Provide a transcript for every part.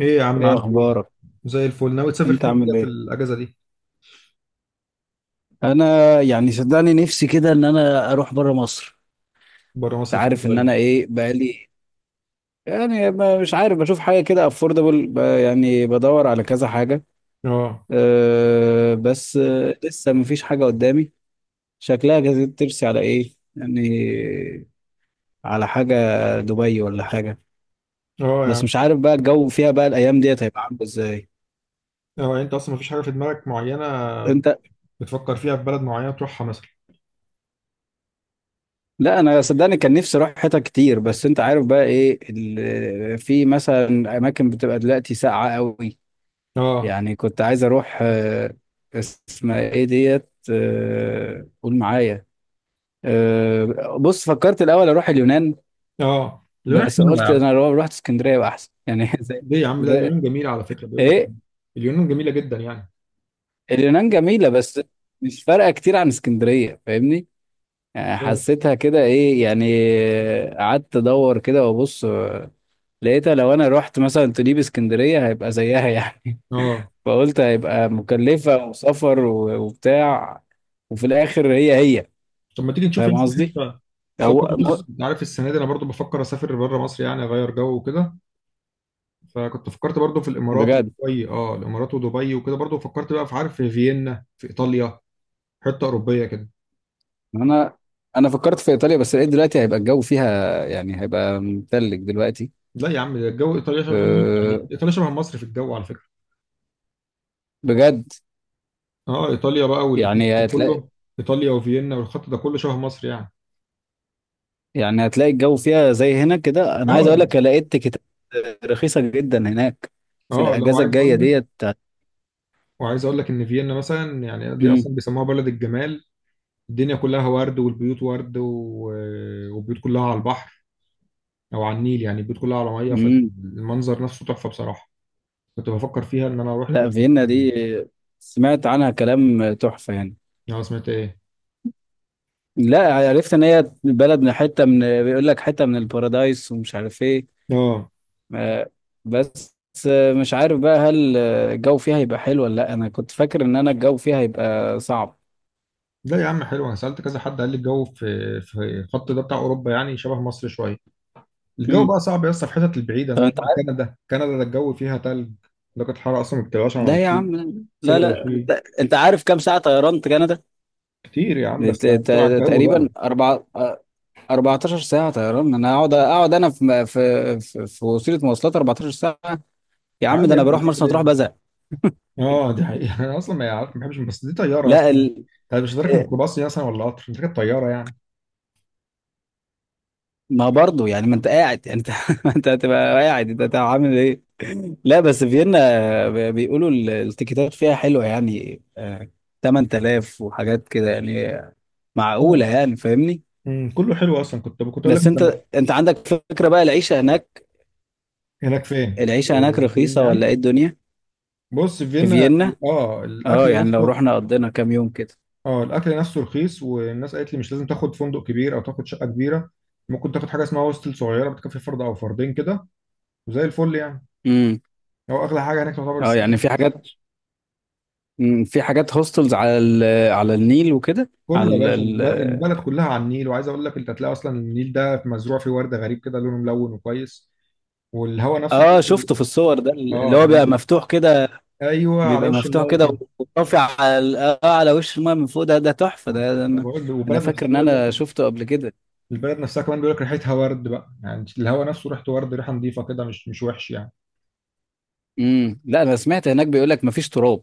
ايه يا عم، ايه عامل ايه؟ اخبارك؟ زي الفل. ناوي تسافر انت فين كده عامل في ايه؟ الاجازه دي؟ انا يعني صدقني نفسي كده ان انا اروح بره مصر. بره انت مصر فين عارف ان طيب؟ انا ايه بقالي؟ يعني مش عارف، بشوف حاجه كده افوردبل، يعني بدور على كذا حاجه. اه. بس لسه مفيش حاجه قدامي. شكلها جايز ترسي على ايه يعني، على حاجه، دبي ولا حاجه. اه يا بس عم. مش عارف بقى الجو فيها بقى الايام ديت هيبقى عامل ازاي. اه، انت اصلا مفيش حاجه في دماغك معينه انت؟ بتفكر فيها، في بلد معينه تروحها مثلا؟ لا انا صدقني كان نفسي اروح حتت كتير، بس انت عارف بقى ايه في مثلا اماكن بتبقى دلوقتي ساقعه قوي. اه. يعني كنت عايز اروح، اسمها ايه ديت؟ قول معايا. بص، فكرت الاول اروح اليونان، اه، اليونان بس حلوه يا قلت عم. انا لو رحت اسكندريه يبقى احسن يعني. زي ليه يا عم؟ لا، زي- اليونان جميله على فكره، بيقول لك ايه، اليونان جميله جدا يعني. اليونان جميله بس مش فارقه كتير عن اسكندريه، فاهمني؟ يعني حسيتها كده ايه يعني. قعدت ادور كده وابص، لقيتها لو انا رحت مثلا تجيب اسكندرية هيبقى زيها يعني. اه. فقلت هيبقى مكلفة وسفر وبتاع، وفي الاخر هي هي. طب ما تيجي نشوف يا فاهم اسطى قصدي؟ حته. طب برضه، او بص، م- انت عارف السنه دي انا برضه بفكر اسافر بره مصر، يعني اغير جو وكده. فكنت فكرت برضه في الامارات بجد، ودبي، اه، الامارات ودبي وكده، برضه فكرت بقى في في فيينا، في ايطاليا، حته اوروبيه كده. انا انا فكرت في ايطاليا بس لقيت دلوقتي هيبقى الجو فيها يعني هيبقى متلج دلوقتي. لا يا عم، ده الجو ايطاليا شبه. يعني أه، ايطاليا شبه مصر في الجو على فكره. بجد؟ اه، ايطاليا بقى والخط ده يعني هتلاقي، كله. ايطاليا وفيينا والخط ده كله شبه مصر يعني. يعني هتلاقي الجو فيها زي هنا كده. انا عايز اقول اه. لك لقيت تيكتات رخيصة جدا هناك في اه، لو الاجازة عايز الجاية اقول لك، ديت وعايز اقول لك ان فيينا مثلا، يعني دي اصلا بيسموها بلد الجمال. الدنيا كلها ورد، والبيوت ورد، و والبيوت كلها على البحر، او على النيل، يعني البيوت كلها على ميه، مم. فالمنظر نفسه تحفه بصراحه. كنت بفكر فيها ان انا اروح، اه. لا فيينا دي سمعت عنها كلام تحفة يعني. سمعت ايه؟ لا عرفت ان هي بلد من حتة من بيقول لك حتة من البارادايس ومش عارف ايه. اه، آه، بس مش عارف بقى هل الجو فيها هيبقى حلو ولا لا. انا كنت فاكر ان انا الجو فيها هيبقى صعب. لا يا عم حلو، انا سالت كذا حد، قال لي الجو في الخط ده بتاع اوروبا يعني شبه مصر شويه. الجو امم، بقى صعب يا اسطى في الحتت البعيده، طب زي ما انت قلت لك عارف؟ كندا، كندا ده الجو فيها تلج. درجه الحراره اصلا ما بتبقاش عن ده يا 20، عم، لا سالب لا انت، 20. أنت عارف كام ساعة طيران كندا؟ كتير يا عم، بس هنتكلم على الجو بقى. تقريبا أربعة، 14 ساعة طيران. انا اقعد اقعد انا في في وسيلة مواصلات 14 ساعة؟ يا عم ده عادي، انا يعني بروح مرسى نعمل مطروح ايه؟ بزهق. اه، دي حقيقه. انا اصلا ما عارف، ما بحبش، بس دي طياره لا اصلا. ال... طيب، مش راكب ميكروباص يعني اصلا، ولا قطر، انت راكب طياره يعني. ما برضه يعني ما انت قاعد، يعني انت ما انت هتبقى قاعد، انت هتبقى عامل ايه؟ لا بس فيينا بيقولوا التيكيتات فيها حلوة يعني، 8000 وحاجات كده يعني، معقولة اه. يعني، فاهمني. كله حلو اصلا. كنت اقول لك بس انت، انت. انت عندك فكرة بقى العيشة هناك؟ هناك فين، في العيشة هناك فيينا رخيصة ولا يعني؟ ايه الدنيا بص، في في فيينا، فيينا؟ اه، الاكل اه يعني لو نفسه. رحنا قضينا كام يوم كده. اه، الاكل نفسه رخيص، والناس قالت لي مش لازم تاخد فندق كبير او تاخد شقه كبيره، ممكن تاخد حاجه اسمها هوستل، صغيره، بتكفي فرد او فردين كده، وزي الفل يعني. امم، هو اغلى حاجه هناك تعتبر اه يعني السكن. في حاجات، في حاجات هوستلز على على النيل وكده. كله يا على باشا، البلد كلها على النيل. وعايز اقول لك، انت هتلاقي اصلا النيل ده مزروع فيه ورد غريب كده، لونه ملون وكويس. والهواء نفسه اه، بيقول لك- شفته في الصور ده اللي اه، هو بيبقى مفتوح كده، ايوه، على بيبقى وش مفتوح الميه كده كده. ورافع على على وش الماء من فوق، ده ده تحفة آه، ده، ده انا، بقول- انا والبلد فاكر نفسها ان بيقول لك، انا شفته قبل كده. البلد نفسها كمان بيقول لك ريحتها ورد بقى، يعني الهواء نفسه ريحته ورد، ريحه نظيفه كده، مش مش وحش يعني. امم، لا انا سمعت هناك بيقول لك مفيش تراب،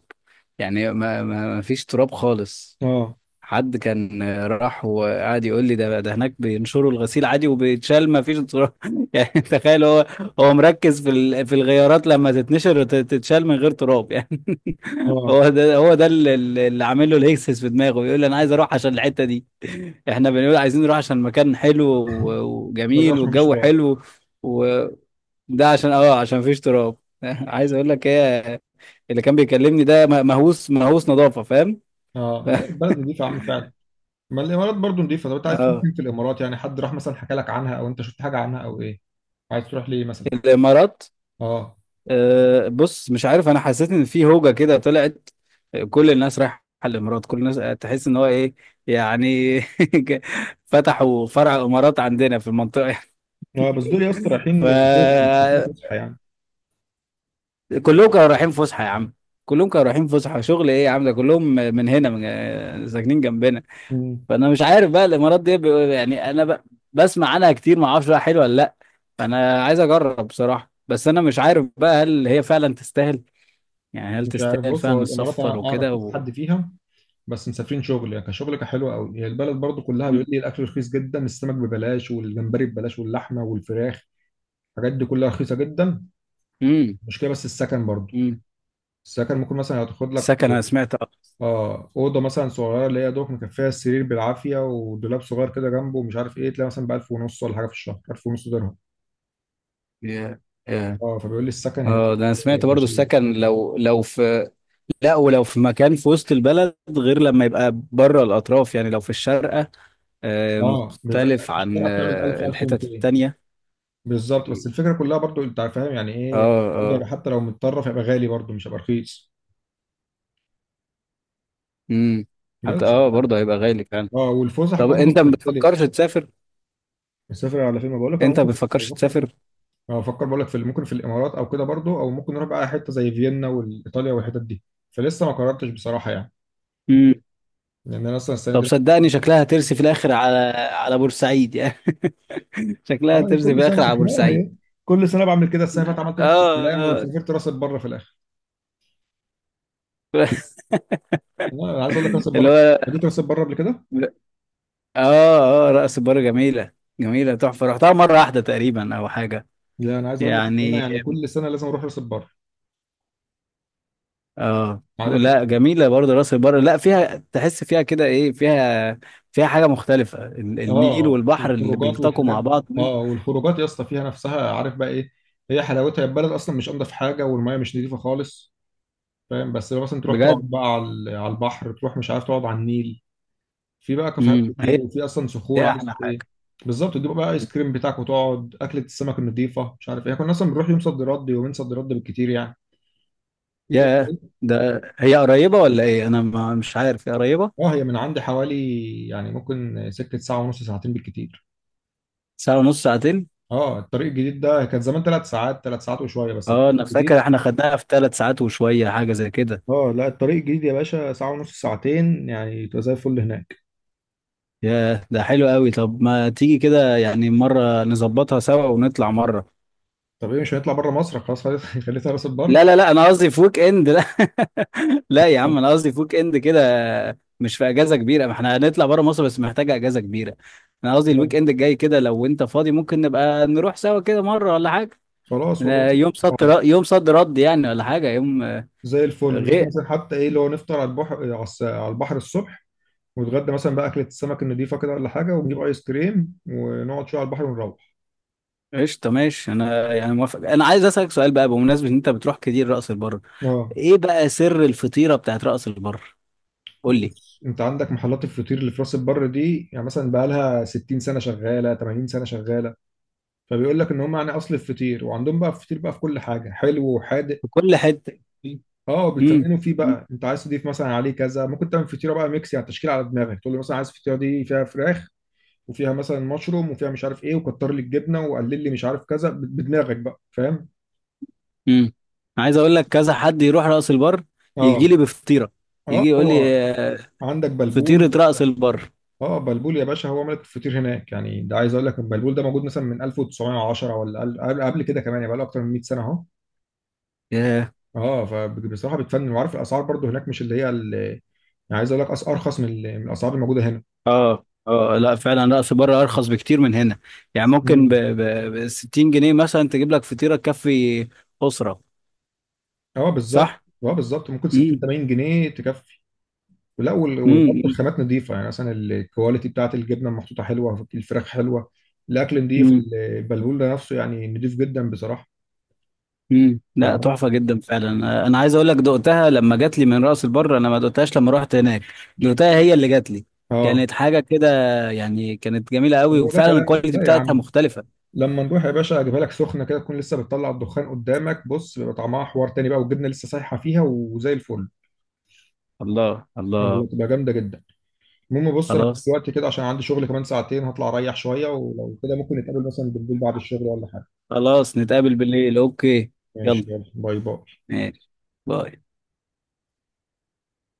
يعني مفيش تراب خالص. اه. حد كان راح وقعد يقول لي ده ده هناك بينشروا الغسيل عادي وبيتشال ما فيش تراب. يعني تخيل، هو هو مركز في في الغيارات لما تتنشر تتشال من غير تراب يعني. اه، هو ده هو ده اللي، اللي عامل له الهيكسس في دماغه، بيقول لي انا عايز اروح عشان الحته دي. احنا بنقول عايزين نروح عشان المكان حلو ما وجميل زرعش، مفيش والجو تراب. حلو، وده عشان عشان مفيش تراب. عايز اقول لك ايه، اللي كان بيكلمني ده مهووس، مهووس نظافه، فاهم؟ اه، لا البلد نضيفة يا عم فعلا. ما الامارات برضو نضيفة. طب انت عايز تروح اه فين في الامارات يعني؟ حد راح مثلا حكى لك عنها، او انت شفت حاجة عنها، او ايه؟ عايز تروح ليه مثلا؟ الامارات. اه. بص، مش عارف، انا حسيت ان في هوجه كده طلعت. كل الناس رايحه الامارات، كل الناس. تحس ان هو ايه يعني. فتحوا فرع امارات عندنا في المنطقه. اه، بس دول يا اسطى رايحين شغل، مش رايحين فكلهم فسحة يعني. كانوا رايحين فسحه يا عم، كلهم كانوا رايحين فسحه، شغل ايه يا عم؟ ده كلهم من هنا، من ساكنين جنبنا. مم. فانا مش عارف بقى الامارات دي يعني انا بسمع عنها كتير، ما اعرفش بقى حلوه ولا لا. فانا عايز اجرب بصراحه، بس انا مش عارف بقى هل هي فعلا تستاهل، يعني هل مش عارف، تستاهل بص، هو فعلا الامارات السفر انا اعرف وكده كذا حد فيها، بس مسافرين شغل. يعني كشغل كحلو قوي، هي البلد برضو كلها بيقول مم. لي الاكل رخيص جدا، السمك ببلاش، والجمبري ببلاش، واللحمة والفراخ، الحاجات دي كلها رخيصة جدا. مم. المشكلة بس السكن برضو. مم. السكن ممكن مثلا هتاخد لك، السكن، انا سمعت اه. اه، اوضه مثلا صغيره اللي هي دوك، مكفيها السرير بالعافيه، ودولاب صغير كده جنبه، ومش عارف ايه، تلاقي مثلا ب 1000 ونص ولا حاجه في الشهر، 1000 ونص درهم. يا- يا. اه، فبيقول لي السكن هناك ده انا سمعت برضو غشيم. السكن لو في، لا ولو في مكان في وسط البلد غير لما يبقى بره الاطراف، يعني لو في الشارقة، اه، بيبقى مختلف في عن الشقه بتعمل 1000، الحتت 1200 التانية. بالظبط. بس الفكره كلها برضو انت فاهم يعني اه ايه، برضو اه. هيبقى حتى لو متطرف هيبقى غالي برضو، مش هيبقى رخيص. امم. حتى بس برضه هيبقى غالي فعلا. اه، والفسح طب برضو انت ما بتختلف. بتفكرش تسافر؟ مسافر على فين؟ ما بقول لك انا انت ما ممكن بتفكرش بفكر. تسافر؟ اه، بفكر، بقول لك في ممكن في الامارات او كده برضو، او ممكن نروح بقى حته زي فيينا وايطاليا والحتت دي. فلسه ما قررتش بصراحه يعني، لان انا اصلا السنه طب دي. صدقني شكلها هترسي في الاخر على، على بورسعيد يعني. شكلها هترسي في كل سنه. الاخر على اه بورسعيد. هي، كل سنه بعمل كده. السنه اللي فاتت عملت نفس اه الكلام، آه. وسافرت راس البر في الاخر. والله انا عايز اقول لك راس البر، اللي هو، خليت راس البر قبل كده. اه اه، رأس البر جميلة، جميلة تحفة، رحتها مرة واحدة تقريبا او حاجة لا، انا عايز اقول لك ان انا يعني. يعني كل سنه لازم اروح راس البر، اه عارف. لا جميلة برضه راس البر، لا فيها تحس فيها كده ايه، فيها، فيها حاجة مختلفة، النيل اه، والبحر اللي الخروجات بيلتقوا والحاجات مع دي. بعض دول. اه، والخروجات يا اسطى فيها نفسها، عارف بقى ايه؟ هي حلاوتها. البلد اصلا مش انضف حاجه، والميه مش نظيفه خالص، فاهم، بس لو مثلا تروح تقعد بجد. بقى على، على البحر، تروح مش عارف تقعد على النيل، في بقى كافيهات امم، كتير، هي، وفي اصلا صخور، هي عايز احلى ايه حاجة. بالظبط. تجيب بقى ايس كريم بتاعك، وتقعد اكله السمك النظيفه، مش عارف ايه. كنا اصلا بنروح يوم صد رد، يومين صد رد بالكتير يعني. هي. يا، ده هي قريبة ولا ايه؟ انا ما مش عارف، هي قريبة. اه، هي من عندي حوالي، يعني ممكن سكه ساعه ونص، ساعتين بالكتير. ساعة ونص ساعتين؟ اه، الطريق الجديد ده. كان زمان ثلاث ساعات، ثلاث ساعات وشويه، بس اه الطريق انا الجديد، فاكر احنا خدناها في 3 ساعات وشوية، حاجة زي كده. اه، لا الطريق الجديد يا باشا ساعه ونص، ساعتين يعني، تبقى زي الفل هناك. يا، ده حلو قوي. طب ما تيجي كده يعني مرة نظبطها سوا ونطلع مرة. طب ايه، مش هنطلع بره مصر خلاص، خليتها خليتها راس لا البر. لا لا انا قصدي في ويك اند، لا. لا يا طب، عم انا قصدي في ويك اند كده، مش في اجازة كبيرة. ما احنا هنطلع بره مصر، بس محتاجة اجازة كبيرة. انا قصدي الويك اند الجاي كده، لو انت فاضي ممكن نبقى نروح سوا كده مرة ولا حاجة. خلاص والله. يوم صد رد، يوم صد رد يعني، ولا حاجة، يوم زي الفل نروح غير. مثلا، حتى ايه اللي هو نفطر على البحر، على على البحر الصبح، ونتغدى مثلا بقى اكله السمك النضيفه كده ولا حاجه، ونجيب ايس كريم، ونقعد شويه على البحر ونروح. قشطة، ماشي. انا يعني موافق. انا عايز اسالك سؤال بقى بمناسبه ان انت بتروح كتير رأس البر، اه، ايه بقى سر الفطيرة بتاعت رأس البر؟ قول لي. بص، انت عندك محلات الفطير اللي في راس البر دي، يعني مثلا بقى لها 60 سنه شغاله، 80 سنه شغاله. فبيقول لك ان هم يعني اصل الفطير، وعندهم بقى فطير بقى في كل حاجه، حلو وحادق. في كل حتة. اه، امم. بتفننوا فيه بقى. انت عايز تضيف مثلا عليه كذا، ممكن تعمل فطيره بقى ميكس، يعني تشكيل على دماغك، تقول له مثلا عايز الفطيره دي فيها فراخ، وفيها مثلا مشروم، وفيها مش عارف ايه، وكتر لي الجبنه، وقلل لي مش عارف كذا، بدماغك بقى، فاهم. امم. عايز اقول لك كذا حد يروح رأس البر يجي اه. لي بفطيرة، اه، يجي يقول لي هو عندك فطيرة بلبول. رأس البر. اه، بلبول يا باشا، هو ملك الفطير هناك يعني. ده عايز اقول لك البلبول ده موجود مثلا من 1910 ولا قبل، قبل كده كمان، يعني بقى له اكتر من 100 سنه اهو. ياه. اه، فبصراحه بتفنن. وعارف الاسعار برضو هناك مش اللي هي اللي يعني، عايز اقول لك ارخص من من الاسعار الموجوده هنا. اه اه، لا فعلا رأس البر ارخص بكتير من هنا. يعني ممكن مم. ب 60 جنيه مثلا تجيب لك فطيرة تكفي أسرة. اه، بالظبط. صح. اه، بالظبط، ممكن 60، امم. 80 جنيه تكفي. لا، وبرضه امم. الخامات نظيفه يعني، مثلا الكواليتي بتاعت الجبنه محطوطه حلوه، الفراخ حلوه، الاكل نظيف. البلبول ده نفسه يعني نظيف جدا بصراحه. امم. لا فعارف. تحفه جدا فعلا. انا عايز اقول لك دقتها لما جات لي من راس البر، انا ما دقتهاش لما رحت هناك، دقتها هي اللي جات لي. اه، كانت حاجه كده يعني، كانت جميله قوي، هو ده وفعلا كلام. الكواليتي لا يا بتاعتها عم، مختلفه. لما نروح يا باشا اجيبها لك سخنه كده، تكون لسه بتطلع الدخان قدامك، بص بيبقى طعمها حوار تاني بقى، والجبنه لسه سايحه فيها، وزي الفل، الله والله الله. تبقى جامده جدا. المهم، بص، انا خلاص، دلوقتي كده عشان عندي شغل كمان ساعتين، هطلع اريح شويه، ولو كده ممكن نتقابل مثلا بالليل بعد الشغل ولا حاجه. خلاص نتقابل بالليل، اوكي. ماشي، يلا، يلا، باي باي. ماشي، باي.